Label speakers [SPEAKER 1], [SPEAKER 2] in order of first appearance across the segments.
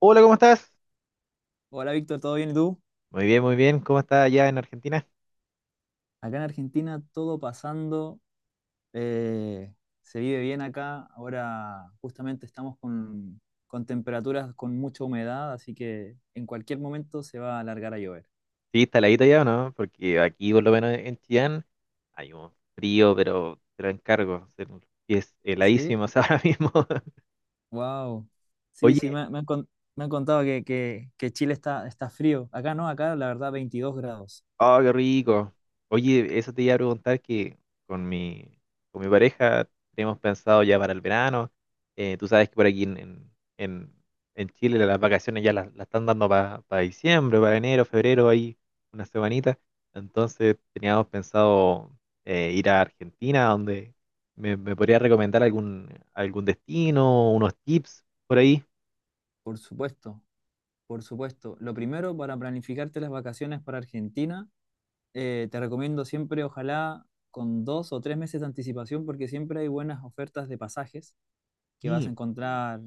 [SPEAKER 1] Hola, ¿cómo estás?
[SPEAKER 2] Hola Víctor, ¿todo bien y tú?
[SPEAKER 1] Muy bien, muy bien. ¿Cómo está allá en Argentina?
[SPEAKER 2] Acá en Argentina todo pasando, eh, se vive bien acá. Ahora justamente estamos con temperaturas con mucha humedad, así que en cualquier momento se va a alargar a llover.
[SPEAKER 1] Sí, está heladito ya, ¿o no? Porque aquí, por lo menos en Chillán, hay un frío, pero te lo encargo. Es
[SPEAKER 2] Sí,
[SPEAKER 1] heladísimo ahora mismo.
[SPEAKER 2] wow. Sí, sí,
[SPEAKER 1] Oye.
[SPEAKER 2] me han contado que Chile está frío. Acá no, acá la verdad 22 grados.
[SPEAKER 1] Oh, qué rico. Oye, eso te iba a preguntar que con mi, con mi pareja tenemos pensado ya para el verano. Tú sabes que por aquí en- en Chile las vacaciones ya las están dando para diciembre, para enero, febrero, ahí una semanita. Entonces teníamos pensado ir a Argentina, donde me podría recomendar algún destino, unos tips por ahí.
[SPEAKER 2] Por supuesto, por supuesto. Lo primero para planificarte las vacaciones para Argentina. Te recomiendo siempre, ojalá, con 2 o 3 meses de anticipación, porque siempre hay buenas ofertas de pasajes que vas a
[SPEAKER 1] Sí.
[SPEAKER 2] encontrar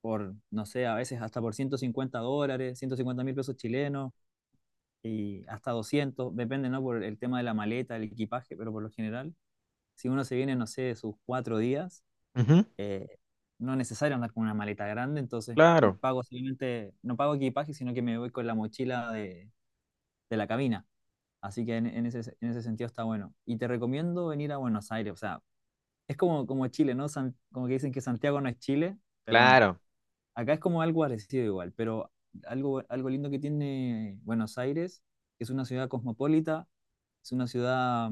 [SPEAKER 2] por, no sé, a veces hasta por $150, 150.000 pesos chilenos, y hasta 200, depende, ¿no? Por el tema de la maleta, el equipaje, pero por lo general, si uno se viene, no sé, sus 4 días,
[SPEAKER 1] Ujú.
[SPEAKER 2] eh, no es necesario andar con una maleta grande. Entonces
[SPEAKER 1] Claro,
[SPEAKER 2] pago simplemente, no pago equipaje, sino que me voy con la mochila de la cabina. Así que en ese sentido está bueno. Y te recomiendo venir a Buenos Aires. O sea, es como, como Chile, ¿no? Como que dicen que Santiago no es Chile, pero bueno,
[SPEAKER 1] claro,
[SPEAKER 2] acá es como algo parecido igual. Pero algo, algo lindo que tiene Buenos Aires, que es una ciudad cosmopolita, es una ciudad,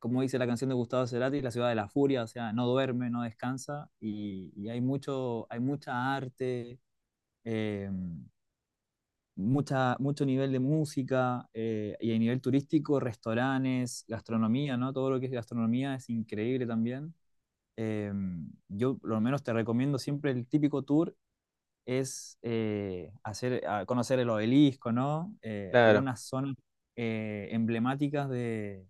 [SPEAKER 2] como dice la canción de Gustavo Cerati, la ciudad de la furia. O sea, no duerme, no descansa, y hay mucho, hay mucha arte. eh, Mucha, mucho nivel de música, y a nivel turístico, restaurantes, gastronomía, ¿no? Todo lo que es gastronomía es increíble también. Eh, yo por lo menos te recomiendo siempre el típico tour a conocer el obelisco, ¿no?
[SPEAKER 1] claro.
[SPEAKER 2] Algunas zonas emblemáticas de,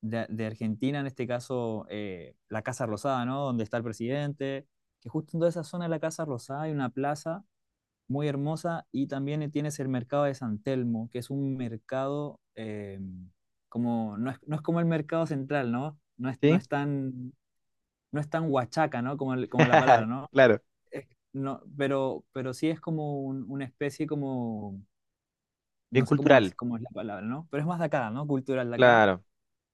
[SPEAKER 2] de- de Argentina, en este caso la Casa Rosada, ¿no? Donde está el presidente, que justo en toda esa zona de la Casa Rosada hay una plaza muy hermosa. Y también tienes el mercado de San Telmo, que es un mercado, como, no es como el mercado central, ¿no?
[SPEAKER 1] ¿Sí?
[SPEAKER 2] No es tan huachaca, ¿no? Como como la palabra, ¿no?
[SPEAKER 1] Claro.
[SPEAKER 2] Es- no, pero sí es como una especie como,
[SPEAKER 1] Bien
[SPEAKER 2] no sé
[SPEAKER 1] cultural,
[SPEAKER 2] cómo es la palabra, ¿no? Pero es más de acá, ¿no? Cultural de acá.
[SPEAKER 1] claro.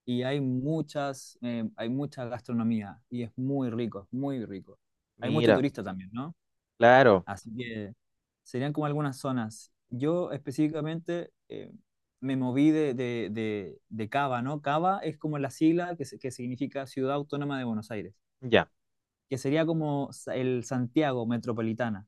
[SPEAKER 2] Y hay muchas, hay mucha gastronomía, y es muy rico, es muy rico. Hay mucho
[SPEAKER 1] Mira,
[SPEAKER 2] turista también, ¿no?
[SPEAKER 1] claro,
[SPEAKER 2] Así que serían como algunas zonas. Yo específicamente me moví de Cava, ¿no? Cava es como la sigla que significa Ciudad Autónoma de Buenos Aires,
[SPEAKER 1] ya.
[SPEAKER 2] que sería como el Santiago metropolitana.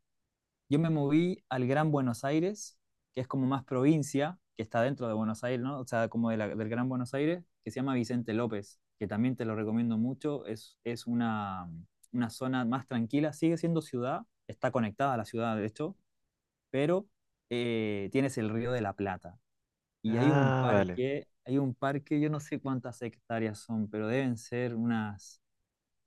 [SPEAKER 2] Yo me moví al Gran Buenos Aires, que es como más provincia, que está dentro de Buenos Aires, ¿no? O sea, como de del Gran Buenos Aires, que se llama Vicente López, que también te lo recomiendo mucho. Una zona más tranquila, sigue siendo ciudad, está conectada a la ciudad, de hecho. Pero tienes el Río de la Plata, y hay un
[SPEAKER 1] Ah, vale.
[SPEAKER 2] parque, hay un parque, yo no sé cuántas hectáreas son, pero deben ser unas,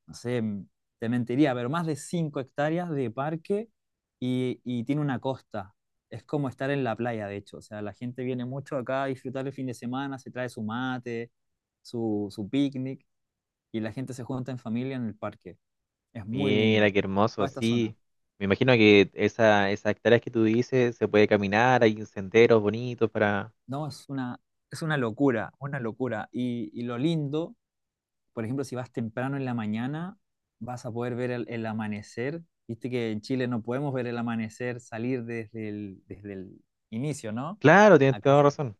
[SPEAKER 2] no sé, te mentiría, pero más de 5 hectáreas de parque, y tiene una costa. Es como estar en la playa, de hecho. O sea, la gente viene mucho acá a disfrutar el fin de semana, se trae su mate, su picnic, y la gente se junta en familia en el parque. Es muy
[SPEAKER 1] Mira,
[SPEAKER 2] lindo.
[SPEAKER 1] qué hermoso,
[SPEAKER 2] Toda esta zona.
[SPEAKER 1] sí. Me imagino que esas hectáreas que tú dices se puede caminar, hay senderos bonitos para...
[SPEAKER 2] No, es una locura, una locura. Y lo lindo, por ejemplo, si vas temprano en la mañana, vas a poder ver el amanecer. Viste que en Chile no podemos ver el amanecer salir desde el inicio, ¿no?
[SPEAKER 1] Claro, tienes
[SPEAKER 2] Acá
[SPEAKER 1] toda
[SPEAKER 2] se-
[SPEAKER 1] razón,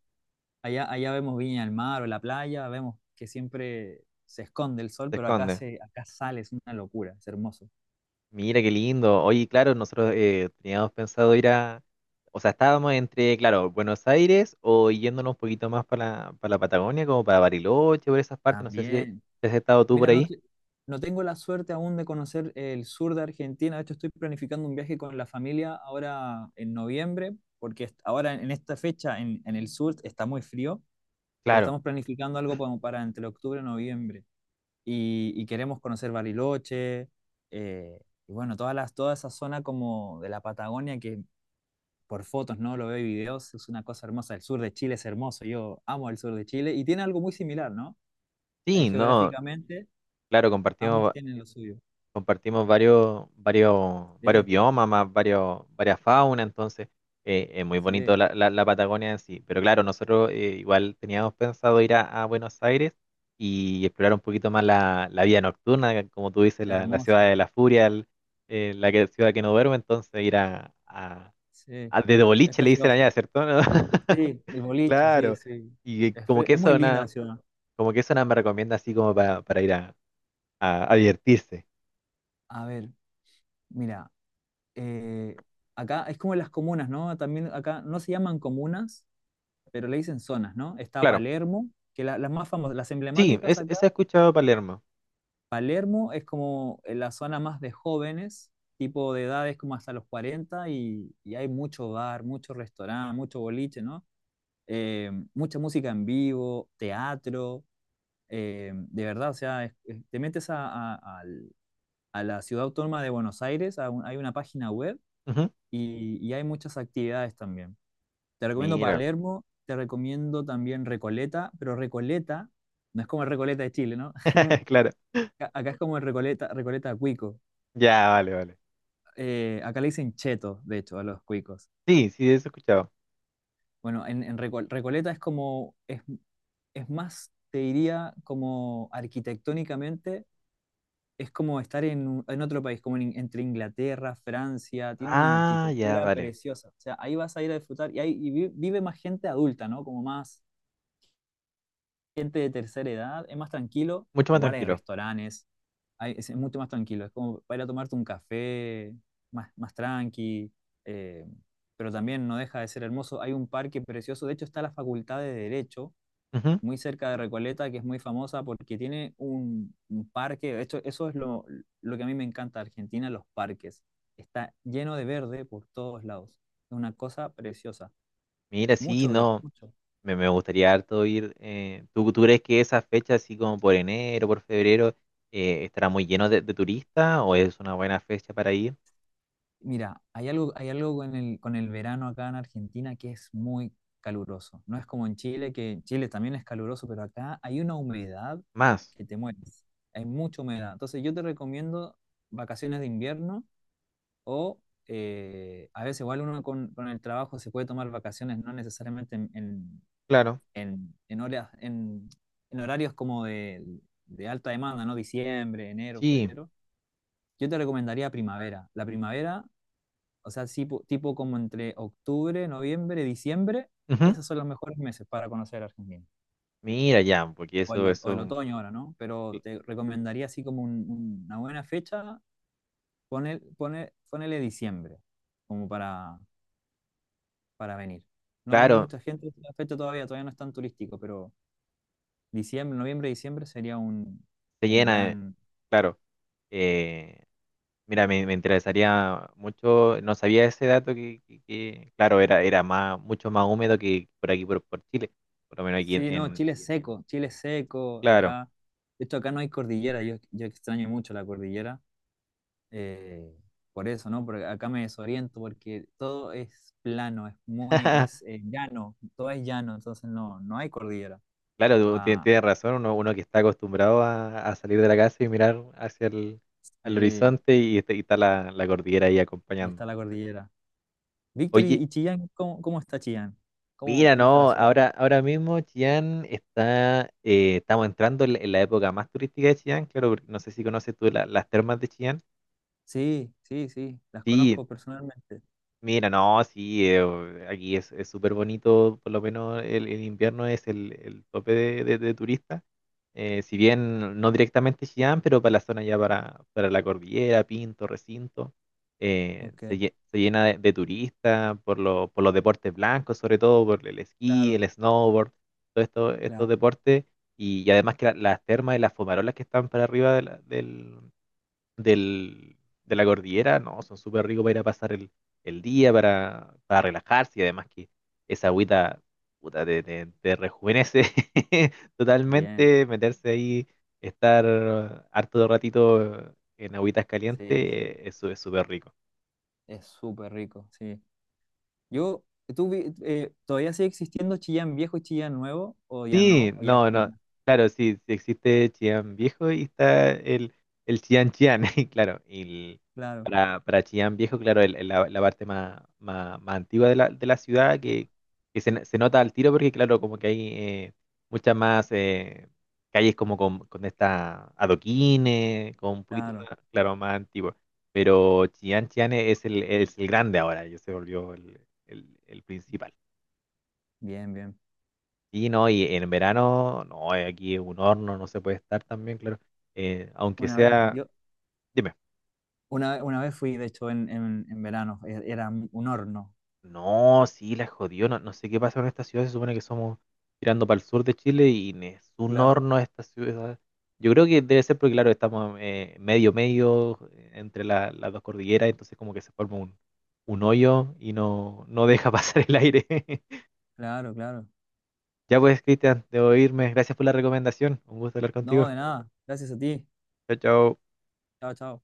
[SPEAKER 2] Allá, allá vemos Viña del Mar o la playa, vemos que siempre se esconde el sol,
[SPEAKER 1] se
[SPEAKER 2] pero acá,
[SPEAKER 1] esconde.
[SPEAKER 2] se, acá sale, es una locura, es hermoso.
[SPEAKER 1] Mira, qué lindo. Oye, claro, nosotros teníamos pensado ir a... O sea, estábamos entre, claro, Buenos Aires o yéndonos un poquito más para para la Patagonia, como para Bariloche, por esas partes. No sé si
[SPEAKER 2] También.
[SPEAKER 1] si has estado tú por
[SPEAKER 2] Mira, no,
[SPEAKER 1] ahí.
[SPEAKER 2] no tengo la suerte aún de conocer el sur de Argentina. De hecho, estoy planificando un viaje con la familia ahora en noviembre, porque ahora en esta fecha en el sur está muy frío, pero
[SPEAKER 1] Claro.
[SPEAKER 2] estamos planificando algo como para entre octubre y noviembre. Y queremos conocer Bariloche, eh, y bueno, todas las, toda esa zona como de la Patagonia que por fotos, ¿no? Lo veo y videos, es una cosa hermosa. El sur de Chile es hermoso, yo amo el sur de Chile y tiene algo muy similar, ¿no?
[SPEAKER 1] Sí, no,
[SPEAKER 2] Geográficamente,
[SPEAKER 1] claro,
[SPEAKER 2] ambos
[SPEAKER 1] compartimos
[SPEAKER 2] tienen lo suyo.
[SPEAKER 1] compartimos varios
[SPEAKER 2] Sí,
[SPEAKER 1] biomas, más varias faunas, entonces es muy bonito
[SPEAKER 2] sí,
[SPEAKER 1] la Patagonia en sí. Pero claro, nosotros igual teníamos pensado ir a Buenos Aires y explorar un poquito más la vida nocturna, que como tú dices, la ciudad
[SPEAKER 2] hermoso,
[SPEAKER 1] de la furia, ciudad que no duerme, entonces ir
[SPEAKER 2] sí,
[SPEAKER 1] de
[SPEAKER 2] es
[SPEAKER 1] boliche le dicen
[SPEAKER 2] precioso.
[SPEAKER 1] allá, ¿cierto? ¿No?
[SPEAKER 2] Sí, el boliche, sí,
[SPEAKER 1] Claro.
[SPEAKER 2] sí.
[SPEAKER 1] Y como que
[SPEAKER 2] Es muy
[SPEAKER 1] eso,
[SPEAKER 2] linda la ciudad.
[SPEAKER 1] como que eso nada me recomienda así como para ir a divertirse.
[SPEAKER 2] A ver, mira, eh, acá es como las comunas, ¿no? También acá no se llaman comunas, pero le dicen zonas, ¿no? Está
[SPEAKER 1] Claro.
[SPEAKER 2] Palermo, que las más famosas, las
[SPEAKER 1] Sí,
[SPEAKER 2] emblemáticas
[SPEAKER 1] es,
[SPEAKER 2] acá.
[SPEAKER 1] esa he escuchado Palermo.
[SPEAKER 2] Palermo es como la zona más de jóvenes, tipo de edades como hasta los 40, y hay mucho bar, mucho restaurante, mucho boliche, ¿no? Mucha música en vivo, teatro. De verdad, o sea, te metes a la ciudad autónoma de Buenos Aires, a hay una página web,
[SPEAKER 1] Ujú.
[SPEAKER 2] y hay muchas actividades también. Te recomiendo
[SPEAKER 1] Mira,
[SPEAKER 2] Palermo, te recomiendo también Recoleta, pero Recoleta no es como el Recoleta de Chile, ¿no?
[SPEAKER 1] claro.
[SPEAKER 2] Acá, acá es como el Recoleta, Recoleta Cuico.
[SPEAKER 1] Ya, vale, vale.
[SPEAKER 2] Acá le dicen cheto, de hecho, a los cuicos.
[SPEAKER 1] Sí, sí, eso he escuchado.
[SPEAKER 2] Bueno, en Recoleta es como, es más, te diría, como arquitectónicamente es como estar en, en otro país, como en entre Inglaterra, Francia. Tiene una
[SPEAKER 1] Ah, ya,
[SPEAKER 2] arquitectura
[SPEAKER 1] vale.
[SPEAKER 2] preciosa. O sea, ahí vas a ir a disfrutar, y, ahí, y vive más gente adulta, ¿no? Como más gente de tercera edad, es más tranquilo.
[SPEAKER 1] Mucho más
[SPEAKER 2] Igual hay
[SPEAKER 1] tranquilo.
[SPEAKER 2] restaurantes, es mucho más tranquilo. Es como para ir a tomarte un café, más, más tranqui, eh, pero también no deja de ser hermoso. Hay un parque precioso, de hecho está la Facultad de Derecho
[SPEAKER 1] Ujú.
[SPEAKER 2] muy cerca de Recoleta, que es muy famosa porque tiene un parque. Esto, eso es lo que a mí me encanta de Argentina, los parques. Está lleno de verde por todos lados. Es una cosa preciosa.
[SPEAKER 1] Mira, sí,
[SPEAKER 2] Mucho verde,
[SPEAKER 1] no.
[SPEAKER 2] mucho.
[SPEAKER 1] Me gustaría harto ir. ¿Tú, tú crees que esa fecha, así como por enero, por febrero, estará muy lleno de turistas o es una buena fecha para ir?
[SPEAKER 2] Mira, hay algo con el verano acá en Argentina, que es muy caluroso. No es como en Chile, que en Chile también es caluroso, pero acá hay una humedad
[SPEAKER 1] Más,
[SPEAKER 2] que te mueres. Hay mucha humedad. Entonces yo te recomiendo vacaciones de invierno. O a veces igual uno con el trabajo se puede tomar vacaciones, no necesariamente
[SPEAKER 1] claro.
[SPEAKER 2] en horas, en horarios como de alta demanda, ¿no? Diciembre, enero,
[SPEAKER 1] Sí.
[SPEAKER 2] febrero. Yo te recomendaría primavera. La primavera, o sea, tipo, tipo como entre octubre, noviembre, diciembre,
[SPEAKER 1] Ujú.
[SPEAKER 2] esos son los mejores meses para conocer Argentina.
[SPEAKER 1] Mira, ya, porque
[SPEAKER 2] O el, o el
[SPEAKER 1] eso,
[SPEAKER 2] otoño ahora, ¿no? Pero
[SPEAKER 1] cl-
[SPEAKER 2] te recomendaría así como una buena fecha, pone pone ponele diciembre, como para venir. No viene
[SPEAKER 1] claro,
[SPEAKER 2] mucha gente en la fecha todavía, todavía no es tan turístico, pero diciembre, noviembre, diciembre sería
[SPEAKER 1] se
[SPEAKER 2] un
[SPEAKER 1] llena,
[SPEAKER 2] gran...
[SPEAKER 1] claro. Eh, mira, me interesaría mucho, no sabía ese dato que, claro, era más, mucho más húmedo que por aquí, por Chile, por lo menos aquí
[SPEAKER 2] Sí, no, Chile es seco,
[SPEAKER 1] claro,
[SPEAKER 2] acá... De hecho, acá no hay cordillera, yo extraño mucho la cordillera, eh, por eso, ¿no? Porque acá me desoriento, porque todo es plano, es muy, es llano, todo es llano, entonces no, no hay cordillera.
[SPEAKER 1] claro,
[SPEAKER 2] Ah,
[SPEAKER 1] tienes razón, uno, uno que está acostumbrado a salir de la casa y mirar hacia el al
[SPEAKER 2] sí,
[SPEAKER 1] horizonte y está la cordillera ahí
[SPEAKER 2] y está
[SPEAKER 1] acompañando.
[SPEAKER 2] la cordillera. Víctor,
[SPEAKER 1] Oye,
[SPEAKER 2] y Chillán, ¿cómo, cómo está Chillán? ¿Cómo,
[SPEAKER 1] mira,
[SPEAKER 2] cómo está la
[SPEAKER 1] no,
[SPEAKER 2] ciudad?
[SPEAKER 1] ahora mismo Chillán está, estamos entrando en la época más turística de Chillán, claro, porque no sé si conoces tú las termas de Chillán.
[SPEAKER 2] Sí, sí, sí, las
[SPEAKER 1] Sí,
[SPEAKER 2] conozco personalmente.
[SPEAKER 1] mira, no, sí, aquí es súper bonito, por lo menos el invierno es el tope de turistas. Si bien no directamente Chillán, pero para la zona ya para la cordillera, Pinto, Recinto,
[SPEAKER 2] Ok,
[SPEAKER 1] se llena de turistas por, por los deportes blancos, sobre todo por el esquí,
[SPEAKER 2] claro,
[SPEAKER 1] el snowboard, todos estos
[SPEAKER 2] claro.
[SPEAKER 1] deportes. Y además que las termas y las fumarolas que están para arriba de del, de la cordillera, no, son súper ricos para ir a pasar el día, para relajarse y además que esa agüita puta, te rejuvenece
[SPEAKER 2] Bien,
[SPEAKER 1] totalmente, meterse ahí, estar harto de ratito en agüitas calientes,
[SPEAKER 2] sí, sí,
[SPEAKER 1] eso es súper rico.
[SPEAKER 2] es súper rico, sí. Yo, ¿ todavía sigue existiendo Chillán Viejo y Chillán Nuevo o ya
[SPEAKER 1] Sí,
[SPEAKER 2] no? ¿O ya es
[SPEAKER 1] no,
[SPEAKER 2] como
[SPEAKER 1] no,
[SPEAKER 2] una?
[SPEAKER 1] claro, sí, sí existe Chillán Viejo y está el Chillán Chillán, y claro, y el-
[SPEAKER 2] Claro,
[SPEAKER 1] para Chillán Viejo, claro, la parte más, más, más antigua de de la ciudad
[SPEAKER 2] digo,
[SPEAKER 1] que se nota al tiro porque, claro, como que hay muchas más calles como con esta adoquines, con un poquito
[SPEAKER 2] claro,
[SPEAKER 1] más, claro, más antiguo, pero Chillán Chillán es es el grande ahora, ya se volvió el principal.
[SPEAKER 2] bien, bien.
[SPEAKER 1] Sí, no, y en verano, no, aquí es un horno, no se puede estar también, claro. Aunque
[SPEAKER 2] Una vez,
[SPEAKER 1] sea,
[SPEAKER 2] yo,
[SPEAKER 1] dime,
[SPEAKER 2] una, una vez fui, de hecho, en verano, era un horno.
[SPEAKER 1] no, sí, la jodió, no, no sé qué pasa con esta ciudad, se supone que somos tirando para el sur de Chile y ni es un
[SPEAKER 2] Claro,
[SPEAKER 1] horno esta ciudad. Yo creo que debe ser porque, claro, estamos medio, medio entre las dos cordilleras, entonces como que se forma un hoyo y no, no deja pasar el aire.
[SPEAKER 2] claro, claro.
[SPEAKER 1] Ya pues, Cristian, debo irme. Gracias por la recomendación. Un gusto hablar
[SPEAKER 2] No,
[SPEAKER 1] contigo.
[SPEAKER 2] de nada, gracias a ti.
[SPEAKER 1] Chao, chao.
[SPEAKER 2] Chao, chao.